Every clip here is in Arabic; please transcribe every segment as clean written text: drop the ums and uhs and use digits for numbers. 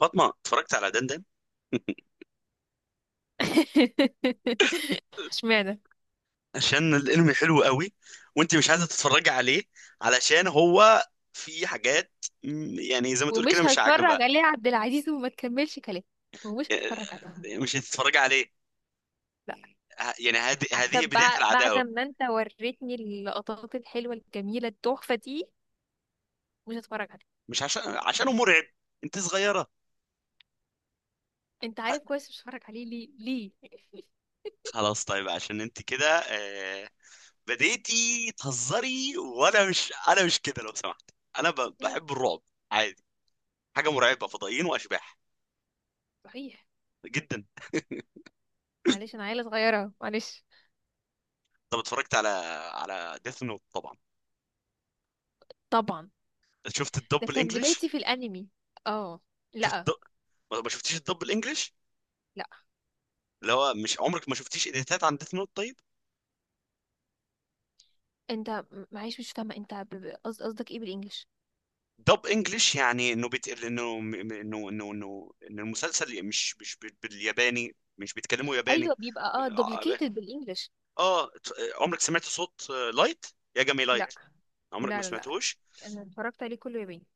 فاطمه اتفرجت على دندن. اشمعنى؟ عشان الانمي حلو قوي، وانت مش عايزه تتفرجي عليه، علشان هو في حاجات يعني زي ما تقول كده ومش مش عاجبه. هتفرج عليه يا عبد العزيز وما تكملش كلام. ومش هتفرج عليه. يعني مش هتتفرجي عليه؟ لا. يعني هذه حتى هذه بدايه بعد العداوه. ما انت وريتني اللقطات الحلوة الجميلة التحفة دي، مش هتفرج عليه. مش عشانه مرعب، انت صغيره. انت ه- عارف كويس مش هتفرج عليه ليه؟ ليه؟ خلاص، طيب، عشان انت كده، بديتي تهزري، وانا مش كده لو سمحت. انا مم. بحب الرعب، عادي. حاجه مرعبه، فضائيين واشباح، صحيح. جدا. معلش، انا عيلة صغيرة، معلش. طب اتفرجت على، ديث نوت طبعا. طبعا. شفت ده الدب كان الانجليش؟ بدايتي في الانمي. اه. شفت لا. الدب... ما شفتيش الدب الانجليش؟ لا، اللي هو، مش عمرك ما شفتيش اديتات عن ديث نوت؟ طيب. انت معلش مش فاهمة، انت قصدك ايه بالانجلش؟ دب انجليش يعني انه بيت... انه م- م- انه انه انه ان المسلسل مش بالياباني، مش بيتكلموا ياباني. ايوه، بيبقى اه اه. دوبليكيتد بالانجلش. آه، عمرك سمعت صوت لايت، يا جمي لا، لايت؟ عمرك ما لا، لا. لا، سمعتوش؟ انا اتفرجت عليه كله ياباني.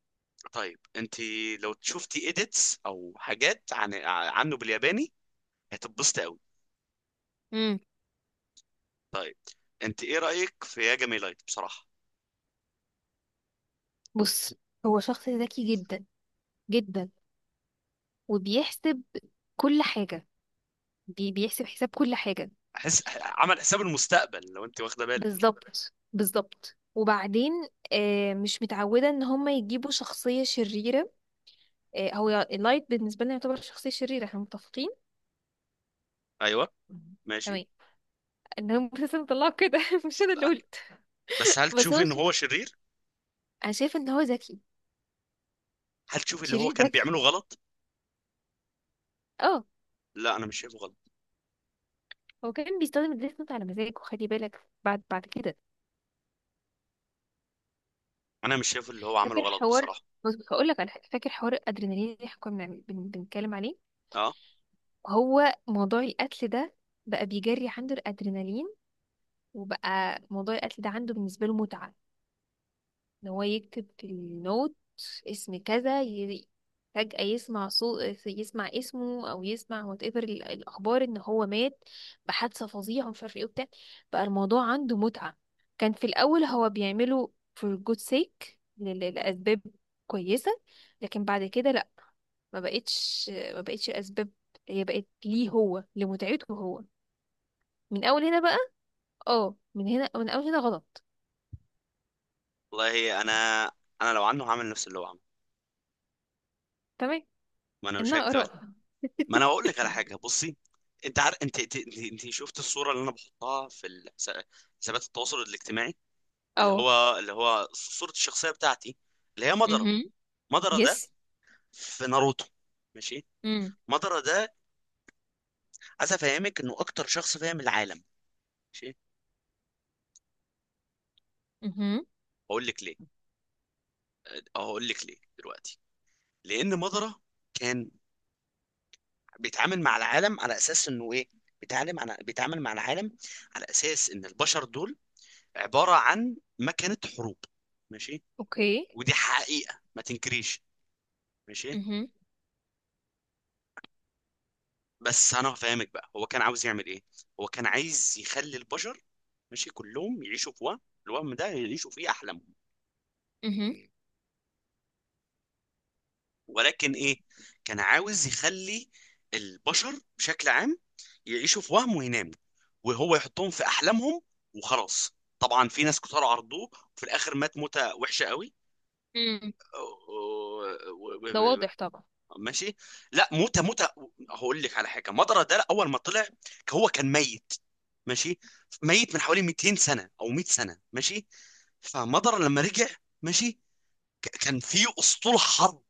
طيب انت، لو شفتي اديتس او حاجات عنه بالياباني، هتتبسطي قوي. امم. طيب، انت ايه رايك في يا جمي لايت بصراحه؟ بص، هو شخص ذكي جدا، جدا، وبيحسب كل حاجة. بيحسب حساب كل حاجة. عمل حساب المستقبل، لو انت واخده بالك. بالظبط، بالظبط. وبعدين مش متعودة ان هم يجيبوا شخصية شريرة. هو لايت بالنسبة لنا يعتبر شخصية شريرة، احنا متفقين. ايوه، مم. ماشي. تمام. ان هم بس مطلعه كده مش انا اللي قلت. بس هل بس تشوفي هو ان ش- هو شرير؟ انا شايفة ان هو ذكي. هل تشوفي اللي هو شرير كان ذكي. بيعمله غلط؟ اه. لا، انا مش شايفه غلط. هو كان بيستخدم الديث نوت على مزاجه، خلي بالك بعد كده. انا مش شايف اللي هو عمله فاكر غلط حوار؟ بصراحه. بص، هقول لك على حاجه. فاكر حوار الادرينالين اللي احنا كنا بنتكلم عليه؟ اه. هو موضوع القتل ده، بقى بيجري عنده الادرينالين. وبقى موضوع القتل ده عنده بالنسبه له متعه. ان هو يكتب في النوت اسم كذا، فجأة يسمع صوت، يسمع اسمه او يسمع وات ايفر الاخبار ان هو مات بحادثة فظيعة ومش عارف ايه وبتاع. بقى الموضوع عنده متعة. كان في الاول هو بيعمله for good sake، لاسباب كويسة. لكن بعد كده لا. ما بقتش ما بقتش الاسباب. هي بقت ليه؟ هو لمتعته هو. من اول هنا بقى. اه، من هنا، من اول هنا غلط. والله انا لو عنه هعمل نفس اللي هو عمله. تمام. ما انا مش انها هكدب عليك. اراء. ما انا هقول لك على حاجه، بصي، انت عارف، انت شفت الصوره اللي انا بحطها في حسابات التواصل الاجتماعي، اللي اه. هو، صوره الشخصيه بتاعتي، اللي هي مدره. مهم. مدره ده يس. في ناروتو. ماشي. امم. مدره ده، عايز افهمك انه اكتر شخص فاهم العالم. ماشي. امم. هقول لك ليه، هقول لك ليه دلوقتي. لان مضرة كان بيتعامل مع العالم على اساس انه ايه. بيتعامل مع العالم على اساس ان البشر دول عبارة عن مكنة حروب، ماشي، اوكي. ودي حقيقة ما تنكريش. ماشي. امم. بس انا هفهمك بقى هو كان عاوز يعمل ايه. هو كان عايز يخلي البشر، ماشي، كلهم يعيشوا في وهم، الوهم ده يعيشوا فيه احلامهم. امم. ولكن ايه، كان عاوز يخلي البشر بشكل عام يعيشوا في وهم ويناموا، وهو يحطهم في احلامهم. وخلاص، طبعا في ناس كتار عرضوه، وفي الاخر مات موتة وحشة قوي. امم. و- و- ده و- واضح طبعا. ماشي. لا، موتة موتة، هقول لك على حاجة. مضرة ده اول ما طلع، هو كان ميت، ماشي، ميت من حوالي 200 سنة او 100 سنة، ماشي. فمضر لما رجع، ماشي، كان في اسطول حرب،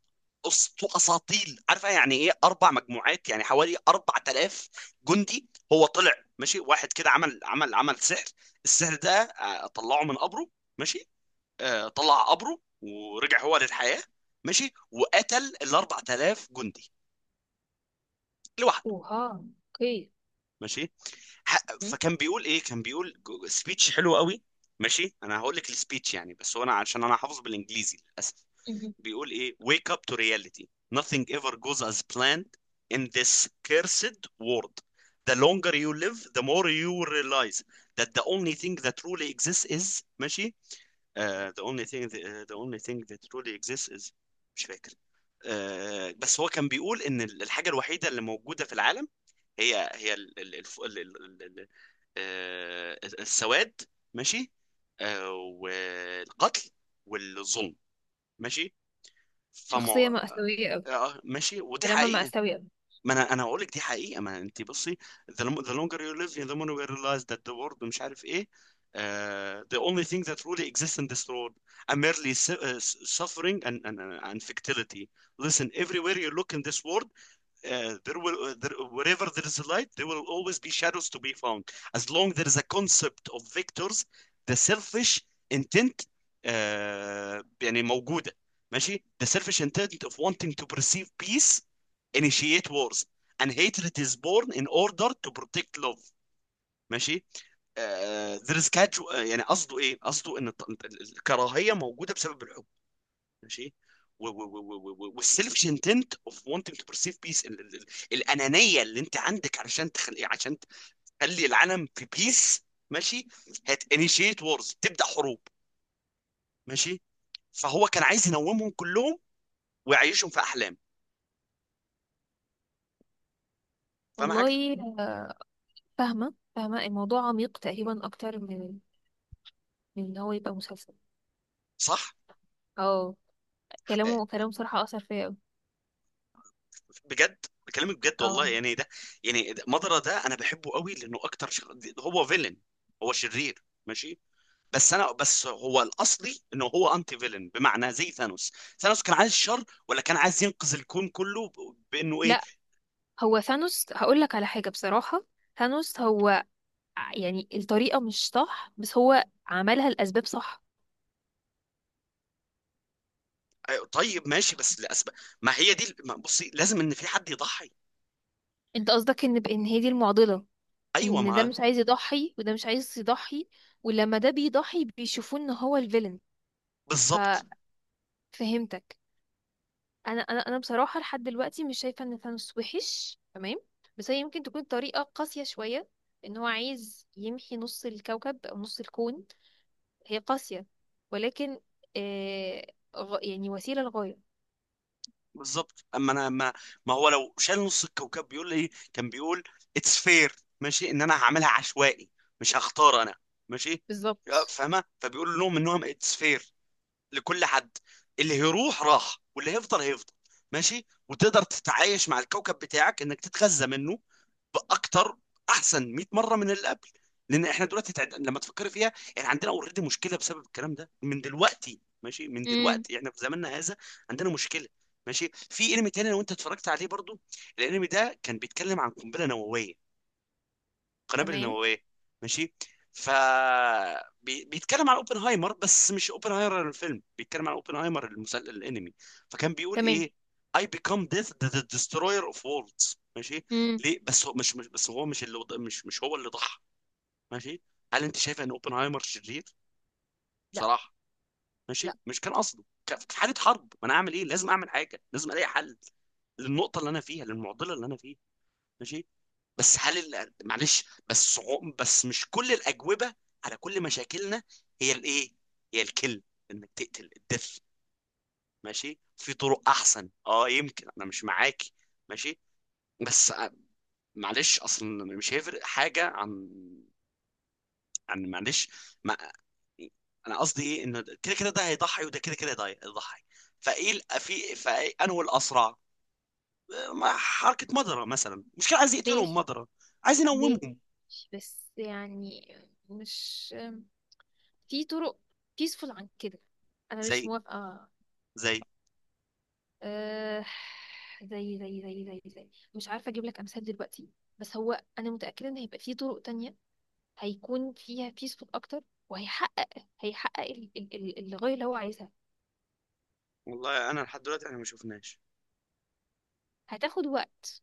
اساطيل، عارفه يعني ايه؟ اربع مجموعات، يعني حوالي 4000 جندي، هو طلع، ماشي. واحد كده عمل سحر، السحر ده، طلعه من قبره، ماشي. طلع قبره ورجع هو للحياه، ماشي. وقتل ال 4000 جندي لوحده، اوها، اوكي. ماشي. مم. فكان بيقول ايه، كان بيقول سبيتش حلو قوي. ماشي، انا هقول لك السبيتش يعني، بس هو انا عشان انا حافظ بالانجليزي للاسف. مم. بيقول ايه: wake up to reality, nothing ever goes as planned in this cursed world. The longer you live, the more you realize that the only thing that truly exists is، ماشي، the only thing that truly exists is، مش فاكر. بس هو كان بيقول ان الحاجه الوحيده اللي موجوده في العالم هي السواد، ماشي، والقتل والظلم، ماشي. فما، شخصية مأساوية أوي. ماشي، ودي كلامها حقيقة. مأساوي أوي. ما انا هقول لك دي حقيقة، ما انت بصي. The the longer you live, the more you realize that the world، مش عارف ايه. The only thing that really exists in this world are merely suffering and fertility. Listen, everywhere you look in this world، wherever there is a light, there will always be shadows to be found. As long there is a concept of vectors, the selfish intent، يعني موجودة، ماشي، the selfish intent of wanting to perceive peace initiate wars, and hatred is born in order to protect love، ماشي. There is casual، يعني قصده ايه، قصده ان الكراهية موجودة بسبب الحب، ماشي. والسيلف انتنت اوف wanting to perceive peace، ال ال ال الانانيه اللي انت عندك، علشان تخلي عشان تخلي العالم في بيس، ماشي. Initiate wars، تبدا حروب، ماشي. فهو كان عايز ينومهم كلهم، ويعيشهم في احلام. فاهم حاجه؟ والله. آه، فاهمة، فاهمة الموضوع عميق تقريبا أكتر من إن هو يبقى مسلسل. صح. اه. آه، كلامه كلامه بصراحة أثر فيا أوي. بجد بكلمك بجد والله. اه. يعني ده، يعني مضرة ده انا بحبه قوي، لانه اكتر هو فيلن، هو شرير، ماشي. بس هو الاصلي، انه هو انتي فيلن، بمعنى زي ثانوس. ثانوس كان عايز شر، ولا كان عايز ينقذ الكون كله بانه ايه؟ لا. هو ثانوس، هقول لك على حاجة بصراحة. ثانوس هو يعني الطريقة مش صح، بس هو عملها الأسباب صح. طيب، ماشي، بس لاسباب، ما هي دي، ما بصي، لازم ان في حد يضحي. أنت قصدك بإن هي دي المعضلة؟ ايوه ان ده ما. مش عايز يضحي وده مش عايز يضحي، ولما ده بيضحي بيشوفوه ان هو الفيلن. بالظبط، ففهمتك. انا بصراحه لحد دلوقتي مش شايفه ان ثانوس وحش تمام. بس هي يمكن تكون طريقه قاسيه شويه، ان هو عايز يمحي نص الكوكب او نص الكون. هي قاسيه، ولكن يعني وسيله لغايه. بالظبط. اما انا ما، ما هو لو شال نص الكوكب، بيقول لي، كان بيقول اتس فير، ماشي، ان انا هعملها عشوائي، مش هختار انا، ماشي. بالظبط. فاهمه، فبيقول لهم انهم اتس فير لكل حد، اللي هيروح راح واللي هيفضل هيفضل، ماشي. وتقدر تتعايش مع الكوكب بتاعك، انك تتغذى منه باكتر، احسن 100 مره من اللي قبل. لان احنا دلوقتي لما تفكري فيها، احنا عندنا اوريدي مشكله بسبب الكلام ده من دلوقتي، ماشي، من امم. دلوقتي احنا في زماننا هذا عندنا مشكله، ماشي. في انمي تاني لو انت اتفرجت عليه برضو، الانمي ده كان بيتكلم عن قنبله نوويه، القنابل تمام. النوويه، ماشي. ف بيتكلم عن اوبنهايمر، بس مش اوبنهايمر الفيلم، بيتكلم عن اوبنهايمر المسلسل الانمي. فكان بيقول تمام. ايه: I become death, the destroyer of worlds، ماشي. امم. ليه؟ بس هو مش بس، هو مش مش هو اللي ضحى، ماشي. هل انت شايف ان اوبنهايمر شرير لا. بصراحه؟ ماشي، لا. مش كان قصده، في حاله حرب ما انا اعمل ايه، لازم اعمل حاجه، لازم الاقي حل للنقطه اللي انا فيها، للمعضله اللي انا فيها، ماشي. بس هل معلش، بس، بس مش كل الأجوبة على كل مشاكلنا هي الايه، هي الكل انك تقتل الدث، ماشي. في طرق احسن، اه، يمكن انا مش معاكي، ماشي. بس، معلش، اصلا مش هيفرق حاجة عن، معلش. ما انا قصدي ايه، انه كده كده ده هيضحي، وده كده كده ده هيضحي، فايه في فانه الاسرع. حركة مضرة مثلا، مش كان عايز يقتلهم، ماشي. مضرة عايز ينومهم، ماشي. بس يعني، مش في طرق بيسفول عن كده. انا مش زي موافقه. زي. أه... زي مش عارفه اجيب لك امثال دلوقتي. بس هو انا متاكده ان هيبقى في طرق تانية هيكون فيها بيسفول اكتر. وهيحقق الغايه اللي هو عايزها. والله انا لحد دلوقتي احنا ما شفناش هتاخد وقت.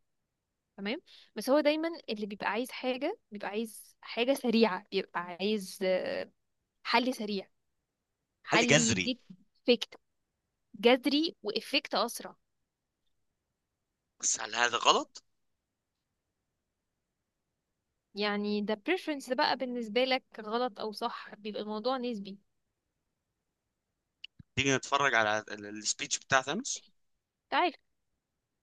تمام. بس هو دايما اللي بيبقى عايز حاجه بيبقى عايز حاجه سريعه، بيبقى عايز حل سريع. حل حل جذري. يديك. افكت. جذري وافكت اسرع. بس هل هذا غلط؟ يعني ده preference بقى، بالنسبة لك غلط أو صح بيبقى الموضوع نسبي. تيجي نتفرج على السبيتش بتاع ثانوس. تعرف